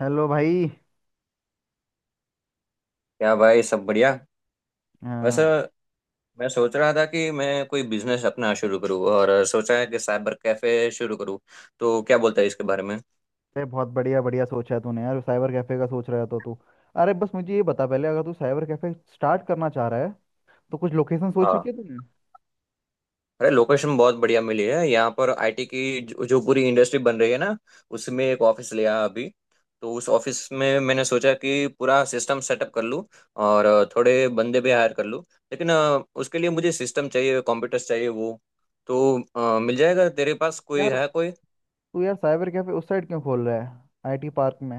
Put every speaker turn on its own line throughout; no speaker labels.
Hello भाई।
क्या भाई, सब बढ़िया? वैसे
हाँ।
मैं सोच रहा था कि मैं कोई बिजनेस अपना शुरू करूँ और सोचा है कि साइबर कैफे शुरू करूँ। तो क्या बोलता है इसके बारे में?
अरे बहुत बढ़िया बढ़िया सोचा है तूने यार, साइबर कैफे का सोच रहा था तू? अरे बस मुझे ये बता पहले, अगर तू साइबर कैफे स्टार्ट करना चाह रहा है तो कुछ लोकेशन सोच
हाँ।
रखी है तूने?
अरे लोकेशन बहुत बढ़िया मिली है। यहाँ पर आईटी की जो पूरी इंडस्ट्री बन रही है ना, उसमें एक ऑफिस लिया अभी। तो उस ऑफिस में मैंने सोचा कि पूरा सिस्टम सेटअप कर लूँ और थोड़े बंदे भी हायर कर लूँ। लेकिन उसके लिए मुझे सिस्टम चाहिए, कंप्यूटर्स चाहिए वो। तो मिल जाएगा तेरे पास? कोई
यार
है कोई?
तू यार साइबर कैफे उस साइड क्यों खोल रहा है, आईटी पार्क में?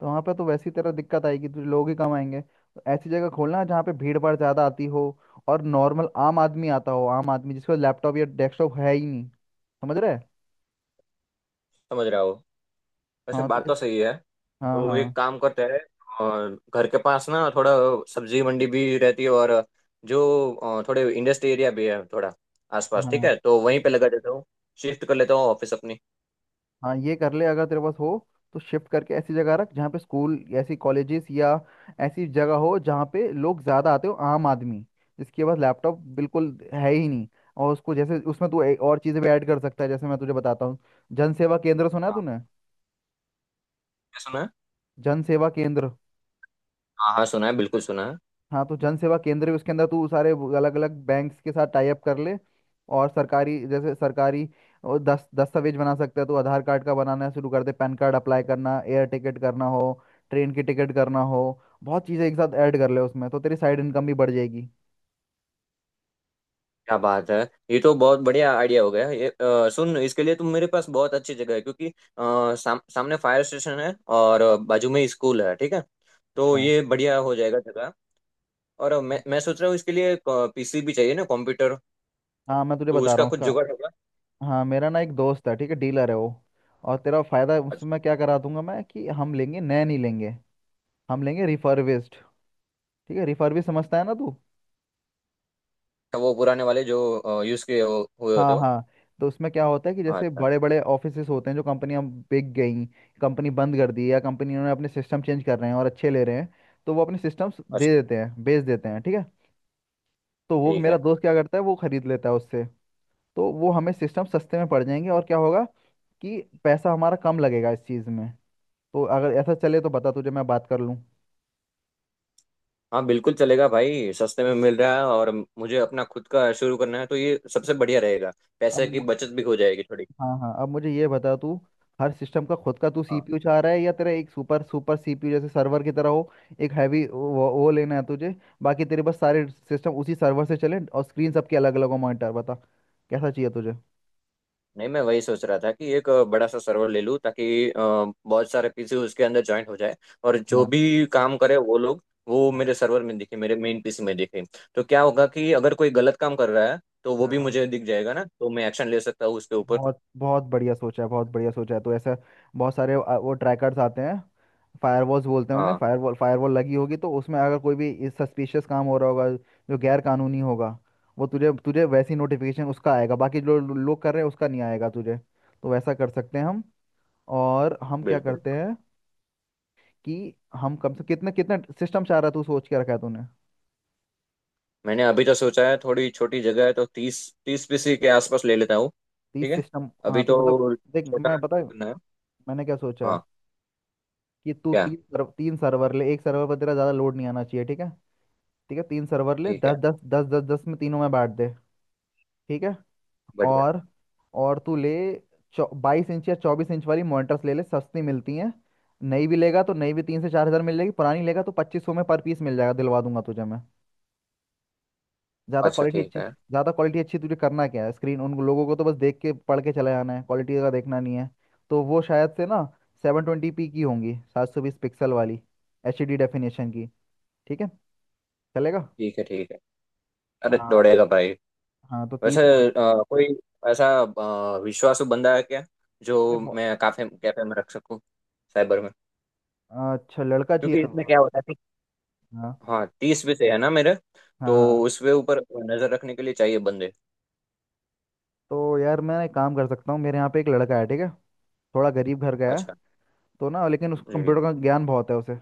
तो वहाँ पे तो वैसी तरह दिक्कत आएगी तुझे, लोग ही कम आएंगे। तो ऐसी जगह खोलना जहाँ पे भीड़ भाड़ ज़्यादा आती हो और नॉर्मल आम आदमी आता हो, आम आदमी जिसका लैपटॉप या डेस्कटॉप है ही नहीं। समझ रहे?
समझ रहा हो। वैसे
हाँ तो
बात
इस-
तो सही है।
हाँ
तो एक
हाँ।
काम करते हैं। और घर के पास ना थोड़ा सब्जी मंडी भी रहती है, और जो थोड़े इंडस्ट्री एरिया भी है थोड़ा आसपास। ठीक
हाँ
है, तो वहीं पे लगा देता हूँ, शिफ्ट कर लेता हूँ ऑफिस अपनी।
हाँ, ये कर ले अगर तेरे पास हो तो शिफ्ट करके ऐसी जगह रख जहाँ पे स्कूल ऐसी कॉलेजेस या ऐसी जगह हो जहाँ पे लोग ज़्यादा आते हो, आम आदमी जिसके पास लैपटॉप बिल्कुल है ही नहीं। और उसको जैसे उसमें तू और चीज़ें भी ऐड कर सकता है, जैसे मैं तुझे बताता हूँ। जन सेवा केंद्र सुना है
हाँ।
तूने?
क्या सुना है?
जन सेवा केंद्र।
हाँ हाँ सुना है, बिल्कुल सुना है।
हाँ, तो जन सेवा केंद्र भी उसके अंदर तू सारे अलग अलग बैंक्स के साथ टाई अप कर ले, और सरकारी जैसे सरकारी वो दस दस्तावेज बना सकते हैं, तो आधार कार्ड का बनाना शुरू कर दे, पैन कार्ड अप्लाई करना, एयर टिकट करना हो, ट्रेन की टिकट करना हो, बहुत चीज़ें एक साथ ऐड कर ले उसमें तो तेरी साइड इनकम भी बढ़ जाएगी।
क्या बात है! ये तो बहुत बढ़िया आइडिया हो गया। ये सुन, इसके लिए तुम मेरे पास बहुत अच्छी जगह है, क्योंकि सामने फायर स्टेशन है और बाजू में स्कूल है। ठीक है, तो
अच्छा।
ये बढ़िया हो जाएगा जगह। और मैं सोच रहा हूँ इसके लिए पीसी भी चाहिए ना, कंप्यूटर।
हाँ, मैं तुझे
तो
बता
उसका
रहा हूँ
कुछ जुगाड़
उसका।
होगा?
हाँ, मेरा ना एक दोस्त है, ठीक है, डीलर है वो। और तेरा फायदा उसमें मैं क्या करा दूंगा मैं, कि हम लेंगे नए नहीं लेंगे, हम लेंगे रिफर्बिश्ड। ठीक है, रिफर्बिश समझता है ना तू?
अच्छा, वो पुराने वाले जो यूज किए हुए होते
हाँ
हो।
हाँ। तो उसमें क्या होता है कि
हाँ।
जैसे
अच्छा।
बड़े बड़े ऑफिसेस होते हैं, जो कंपनियां बिक गई, कंपनी बंद कर दी या कंपनी उन्होंने अपने सिस्टम चेंज कर रहे हैं और अच्छे ले रहे हैं, तो वो अपने सिस्टम्स दे
अच्छा
देते हैं, बेच देते हैं, ठीक है। तो वो
ठीक
मेरा
है।
दोस्त क्या करता है, वो खरीद लेता है उससे। तो वो हमें सिस्टम सस्ते में पड़ जाएंगे, और क्या होगा कि पैसा हमारा कम लगेगा इस चीज़ में। तो अगर ऐसा चले तो बता, तुझे मैं बात कर लूँ।
हाँ बिल्कुल चलेगा भाई, सस्ते में मिल रहा है, और मुझे अपना खुद का शुरू करना है तो ये सबसे बढ़िया रहेगा। पैसे की
अब
बचत भी हो जाएगी थोड़ी।
हाँ हाँ, अब मुझे ये बता तू, हर सिस्टम का खुद का तू
हाँ।
सीपीयू चाह रहा है या तेरा एक सुपर सुपर सीपीयू जैसे सर्वर की तरह हो, एक हैवी वो लेना है तुझे? बाकी तेरे पास सारे सिस्टम उसी सर्वर से चले और स्क्रीन सबके अलग अलग हो, मॉनिटर बता कैसा चाहिए तुझे?
नहीं, मैं वही सोच रहा था कि एक बड़ा सा सर्वर ले लूँ, ताकि बहुत सारे पीसी उसके अंदर ज्वाइंट हो जाए, और जो
हाँ
भी काम करे वो लोग, वो
हाँ
मेरे सर्वर में दिखे, मेरे मेन पीसी में दिखे। तो क्या होगा कि अगर कोई गलत काम कर रहा है तो वो
हाँ,
भी
हाँ।
मुझे दिख जाएगा ना, तो मैं एक्शन ले सकता हूँ उसके ऊपर।
बहुत बहुत बढ़िया सोचा है, बहुत बढ़िया सोचा है। तो ऐसा बहुत सारे वो ट्रैकर्स आते हैं, फायरवॉल्स बोलते हैं उन्हें,
हाँ,
फायरवॉल फायरवॉल लगी होगी तो उसमें अगर कोई भी इस सस्पिशियस काम हो रहा होगा जो गैर कानूनी होगा, वो तुझे तुझे वैसी नोटिफिकेशन उसका आएगा, बाकी जो लोग कर रहे हैं उसका नहीं आएगा तुझे। तो वैसा कर सकते हैं हम। और हम क्या
बिल्कुल।
करते हैं कि हम कम से कितने कितने सिस्टम चाह रहा, तू सोच के रखा है तूने?
मैंने अभी तो सोचा है, थोड़ी छोटी जगह है तो तीस तीस पीसी के आसपास ले लेता हूँ। ठीक
तीस
है,
सिस्टम
अभी
हाँ, तो मतलब
तो
देख मैं
छोटा
बता,
शुरू करना है।
मैंने क्या सोचा है
हाँ।
कि तू
क्या?
तीन सर्वर ले, एक सर्वर पर तेरा ज़्यादा लोड नहीं आना चाहिए, ठीक है? ठीक है, 3 सर्वर ले,
ठीक
दस
है।
दस दस दस दस में, तीनों में बांट दे, ठीक है।
बढ़िया।
और और तू ले 22 इंच या 24 इंच वाली मॉनिटर्स ले ले, सस्ती मिलती हैं। नई भी लेगा तो नई भी 3 से 4 हज़ार मिल जाएगी, पुरानी लेगा तो 2,500 में पर पीस मिल जाएगा, दिलवा दूंगा तुझे मैं। ज़्यादा
अच्छा
क्वालिटी
ठीक
अच्छी,
है।
ज़्यादा क्वालिटी अच्छी तुझे करना क्या है, स्क्रीन उन लोगों को तो बस देख के पढ़ के चले जाना है, क्वालिटी का देखना नहीं है। तो वो शायद से ना 720p की होंगी, 720 पिक्सल वाली, एच डी डेफिनेशन की, ठीक है, चलेगा।
ठीक है। ठीक है, अरे
हाँ
दौड़ेगा भाई।
हाँ, तो तीस
वैसे
मिनट
कोई ऐसा विश्वासु बंदा है क्या,
अरे
जो
बहु-
मैं काफे कैफे में रख सकूँ, साइबर में?
अच्छा लड़का चाहिए
क्योंकि इसमें क्या
हाँ।
होता है कि, हाँ, 30 पीसे है ना मेरे, तो
हाँ हाँ।
उसके ऊपर नजर रखने के लिए चाहिए बंदे।
तो यार मैं एक काम कर सकता हूँ, मेरे यहाँ पे एक लड़का है, ठीक है, थोड़ा गरीब घर का है,
अच्छा।
तो ना लेकिन उसको
जी।
कंप्यूटर का ज्ञान बहुत है उसे,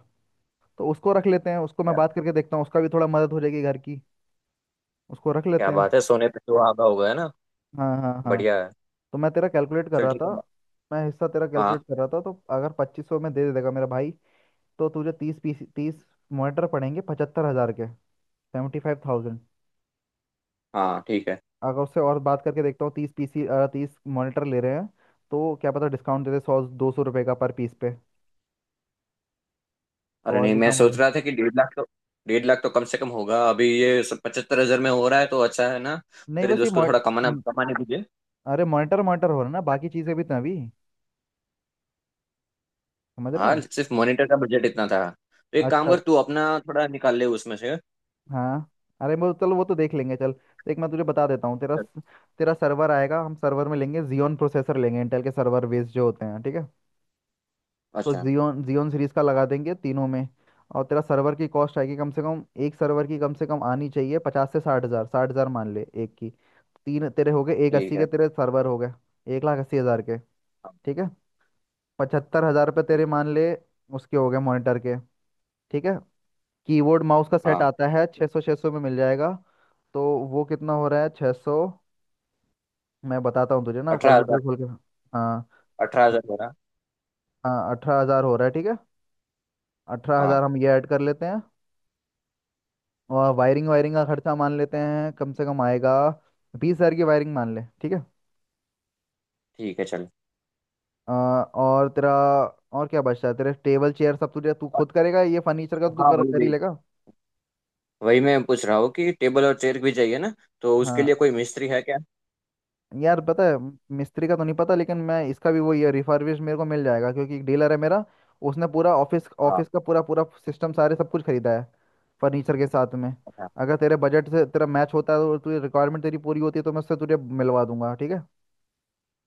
तो उसको रख लेते हैं, उसको मैं
क्या?
बात करके देखता हूँ, उसका भी थोड़ा मदद हो जाएगी घर की। उसको रख लेते
क्या
हैं।
बात है! सोने पे सुहागा हो गया ना।
हाँ हाँ हाँ।
बढ़िया है।
तो मैं तेरा कैलकुलेट कर
चल
रहा
ठीक
था,
है।
मैं हिस्सा तेरा कैलकुलेट
हाँ।
कर रहा था, तो अगर 2,500 में दे देगा मेरा भाई, तो तुझे 30 पीस, 30 मॉनिटर पड़ेंगे 75,000 के, 75,000।
हाँ ठीक है।
अगर उससे और बात करके देखता हूँ, 30 पीसी, 30 मॉनिटर ले रहे हैं, तो क्या पता डिस्काउंट दे दे, 100-200 रुपये का पर पीस पे तो
अरे
और
नहीं,
भी
मैं
काम हो
सोच
जाए।
रहा था कि 1.5 लाख तो कम से कम होगा। अभी ये सब 75 हजार में हो रहा है तो अच्छा है ना।
नहीं
तेरे
बस ये
दोस्त को थोड़ा कमाना
म-
कमाने दीजिए।
अरे मॉनिटर मॉनिटर हो रहा है ना, बाकी चीज़ें भी तो हैं अभी, समझ रहा
हाँ,
है?
सिर्फ मॉनिटर का बजट इतना था, तो एक काम
अच्छा।
कर, तू अपना थोड़ा निकाल ले उसमें से।
हाँ, अरे वो चल वो तो देख लेंगे, चल देख मैं तुझे बता देता हूँ। तेरा तेरा सर्वर आएगा, हम सर्वर में लेंगे जियोन प्रोसेसर, लेंगे इंटेल के सर्वर बेस्ड जो होते हैं, ठीक है। तो
अच्छा
जियोन जियोन सीरीज का लगा देंगे तीनों में। और तेरा सर्वर की कॉस्ट आएगी, कम से कम एक सर्वर की कम से कम आनी चाहिए 50 से 60 हज़ार, 60 हज़ार मान ले एक की। तीन तेरे हो गए, एक
ठीक
80 के
है।
तेरे सर्वर हो गए, 1,80,000 के,
हाँ
ठीक है। 75,000 रुपये तेरे
ठीक।
मान ले, उसके हो गए मॉनिटर के, ठीक है। कीबोर्ड माउस का सेट
हाँ
आता है, 600-600 में मिल जाएगा। तो वो कितना हो रहा है, 600, मैं बताता हूँ तुझे ना
18 हजार।
कैलकुलेटर खोल के। हाँ
18 हजार मेरा।
हाँ, 18,000 हो रहा है, ठीक है, 18,000
हाँ
हम ये ऐड कर लेते हैं। और वायरिंग, वायरिंग का खर्चा मान लेते हैं कम से कम आएगा, 20,000 की वायरिंग मान ले, ठीक है।
ठीक है, चल।
और तेरा और क्या बचता है, तेरे टेबल चेयर सब तुझे, तू खुद करेगा ये फर्नीचर का तो, तू
हाँ
कर
वही
कर ही
वही।
लेगा।
वही मैं पूछ रहा हूँ कि टेबल और चेयर भी चाहिए ना, तो उसके लिए
हाँ।
कोई मिस्त्री है क्या?
यार पता है मिस्त्री का तो नहीं पता, लेकिन मैं इसका भी वही है रिफर्बिश मेरे को मिल जाएगा, क्योंकि एक डीलर है मेरा, उसने पूरा ऑफिस,
हाँ।
ऑफिस का पूरा पूरा सिस्टम सारे सब कुछ खरीदा है, फर्नीचर के साथ में।
अच्छा
अगर तेरे बजट से तेरा मैच होता है तो, तुझे रिक्वायरमेंट तेरी पूरी होती है तो मैं उससे तुझे मिलवा दूंगा, ठीक है।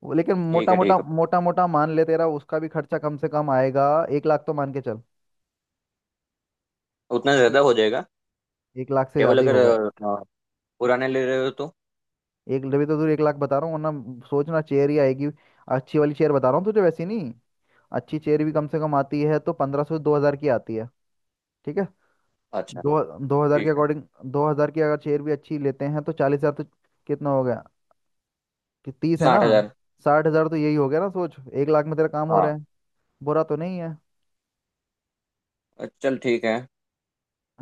लेकिन
ठीक
मोटा
है।
मोटा
ठीक है।
मोटा मोटा मान ले, तेरा उसका भी खर्चा कम से कम आएगा, 1 लाख तो मान के चल।
उतना ज्यादा
ठीक।
हो जाएगा?
1 लाख से
टेबल
ज़्यादा ही
अगर
होगा।
पुराने ले रहे हो तो।
एक तभी तो तुझे 1 लाख बता रहा हूँ, वरना सोचना चेयर ही आएगी, अच्छी वाली चेयर बता रहा हूँ तुझे, वैसी नहीं, अच्छी चेयर भी कम से कम आती है तो 1,500 2,000 की आती है, ठीक है।
अच्छा
दो, 2,000 के
ठीक है।
अकॉर्डिंग, 2,000 की अगर चेयर भी अच्छी लेते हैं तो 40,000 तो, कितना हो गया कि 30 है ना,
60 हजार।
60,000 तो यही हो गया ना, सोच 1 लाख में तेरा काम हो रहा
हाँ
है, बुरा तो नहीं है।
चल ठीक है।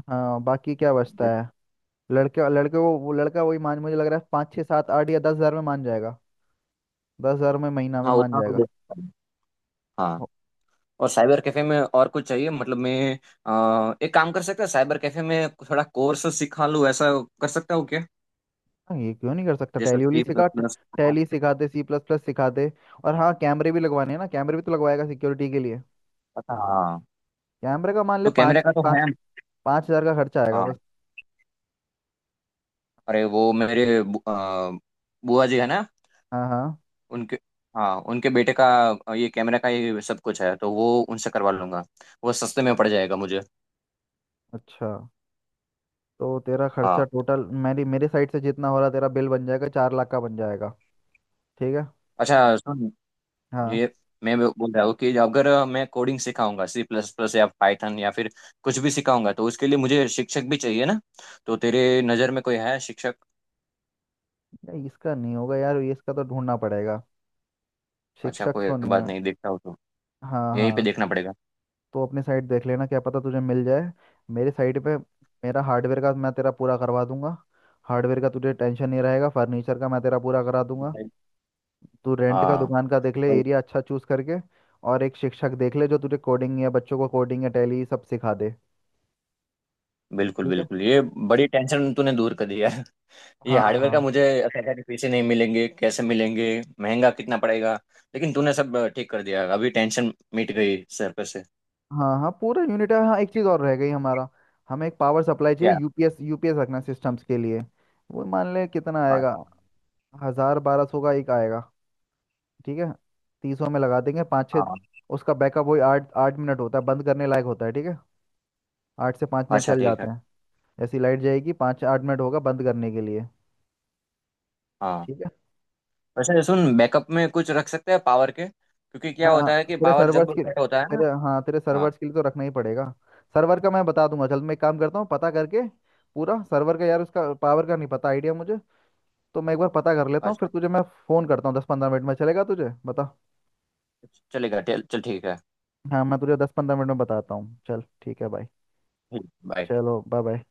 हाँ, बाकी क्या बचता है, लड़के लड़के वो लड़का वही मान, मुझे लग रहा है पाँच छः सात आठ या 10,000 में मान जाएगा, 10,000 में, महीना में
हाँ
मान
उतना तो दे
जाएगा।
सकता हूँ। हाँ।
हो-
और साइबर कैफे में और कुछ चाहिए मतलब मैं, एक काम कर सकता है, साइबर कैफे में थोड़ा कोर्स सिखा लूँ ऐसा, कर सकता हूँ क्या?
हाँ, ये क्यों नहीं कर सकता,
जैसे
टैली उली
सी प्लस
सिखा,
प्लस
टैली सिखा दे, सी प्लस प्लस सिखा दे। और हाँ कैमरे भी लगवाने हैं ना, कैमरे भी तो लगवाएगा सिक्योरिटी के लिए,
हाँ,
कैमरे का मान ले
तो कैमरे
पाँच
का तो
पाँच,
है।
5,000 का खर्चा आएगा
हाँ,
बस।
अरे वो मेरे बुआ जी है ना,
हाँ हाँ।
उनके। हाँ, उनके बेटे का ये कैमरे का ये सब कुछ है, तो वो उनसे करवा लूंगा, वो सस्ते में पड़ जाएगा मुझे।
अच्छा, तो तेरा खर्चा
हाँ।
टोटल, मेरी मेरे साइड से जितना हो रहा तेरा बिल बन जाएगा, 4 लाख का बन जाएगा, ठीक है।
अच्छा सुन,
हाँ।
ये मैं वो बोल रहा हूँ कि अगर मैं कोडिंग सिखाऊंगा, C++ या पाइथन या फिर कुछ भी सिखाऊंगा, तो उसके लिए मुझे शिक्षक भी चाहिए ना, तो तेरे नज़र में कोई है शिक्षक?
नहीं, इसका नहीं होगा यार, ये इसका तो ढूंढना पड़ेगा,
अच्छा,
शिक्षक
कोई
तो नहीं
बात
है।
नहीं, देखता हो तो
हाँ
यहीं पे
हाँ,
देखना पड़ेगा।
तो अपने साइड देख लेना क्या पता तुझे मिल जाए, मेरे साइड पे मेरा हार्डवेयर का मैं तेरा पूरा करवा दूंगा, हार्डवेयर का तुझे टेंशन नहीं रहेगा, फर्नीचर का मैं तेरा पूरा करा दूंगा, तू रेंट का
हाँ
दुकान का देख ले,
वही।
एरिया अच्छा चूज करके, और एक शिक्षक देख ले जो तुझे कोडिंग या बच्चों को कोडिंग या टैली सब सिखा दे,
बिल्कुल
ठीक है।
बिल्कुल, ये बड़ी टेंशन तूने दूर कर दी यार, ये
हाँ
हार्डवेयर का
हाँ
मुझे ऐसा था कि पैसे नहीं मिलेंगे, कैसे मिलेंगे, महंगा कितना पड़ेगा। लेकिन तूने सब ठीक कर दिया, अभी टेंशन मिट गई सर पे से।
हाँ हाँ, पूरा यूनिट है। हाँ, एक चीज़ और रह गई हमारा, हमें एक पावर सप्लाई चाहिए,
क्या?
यूपीएस, यूपीएस रखना सिस्टम्स के लिए। वो मान ले कितना
हाँ
आएगा, हजार 1,200 का एक आएगा, ठीक है, तीसों में लगा देंगे पाँच छः।
हाँ।
उसका बैकअप वही 8-8 मिनट होता है, बंद करने लायक होता है, ठीक है, 8 से 5 मिनट
अच्छा
चल
ठीक
जाते
है।
हैं, ऐसी लाइट जाएगी 5-8 मिनट होगा बंद करने के लिए,
हाँ।
ठीक है।
वैसे सुन, बैकअप में कुछ रख सकते हैं पावर के, क्योंकि क्या
हाँ,
होता है कि
तेरे
पावर
सर्वर्स
जब
के,
कट होता है ना।
तेरे, हाँ, तेरे
हाँ।
सर्वर्स के लिए तो रखना ही पड़ेगा। सर्वर का मैं बता दूंगा, चल मैं एक काम करता हूँ पता करके, पूरा सर्वर का यार उसका पावर का नहीं पता आइडिया मुझे, तो मैं एक बार पता कर लेता हूँ, फिर
अच्छा
तुझे मैं फ़ोन करता हूँ 10-15 मिनट में, चलेगा तुझे, बता।
चलेगा। चल चल ठीक है,
हाँ, मैं तुझे 10-15 मिनट में बताता हूँ, चल ठीक है भाई।
बाय।
चलो, बाय बाय।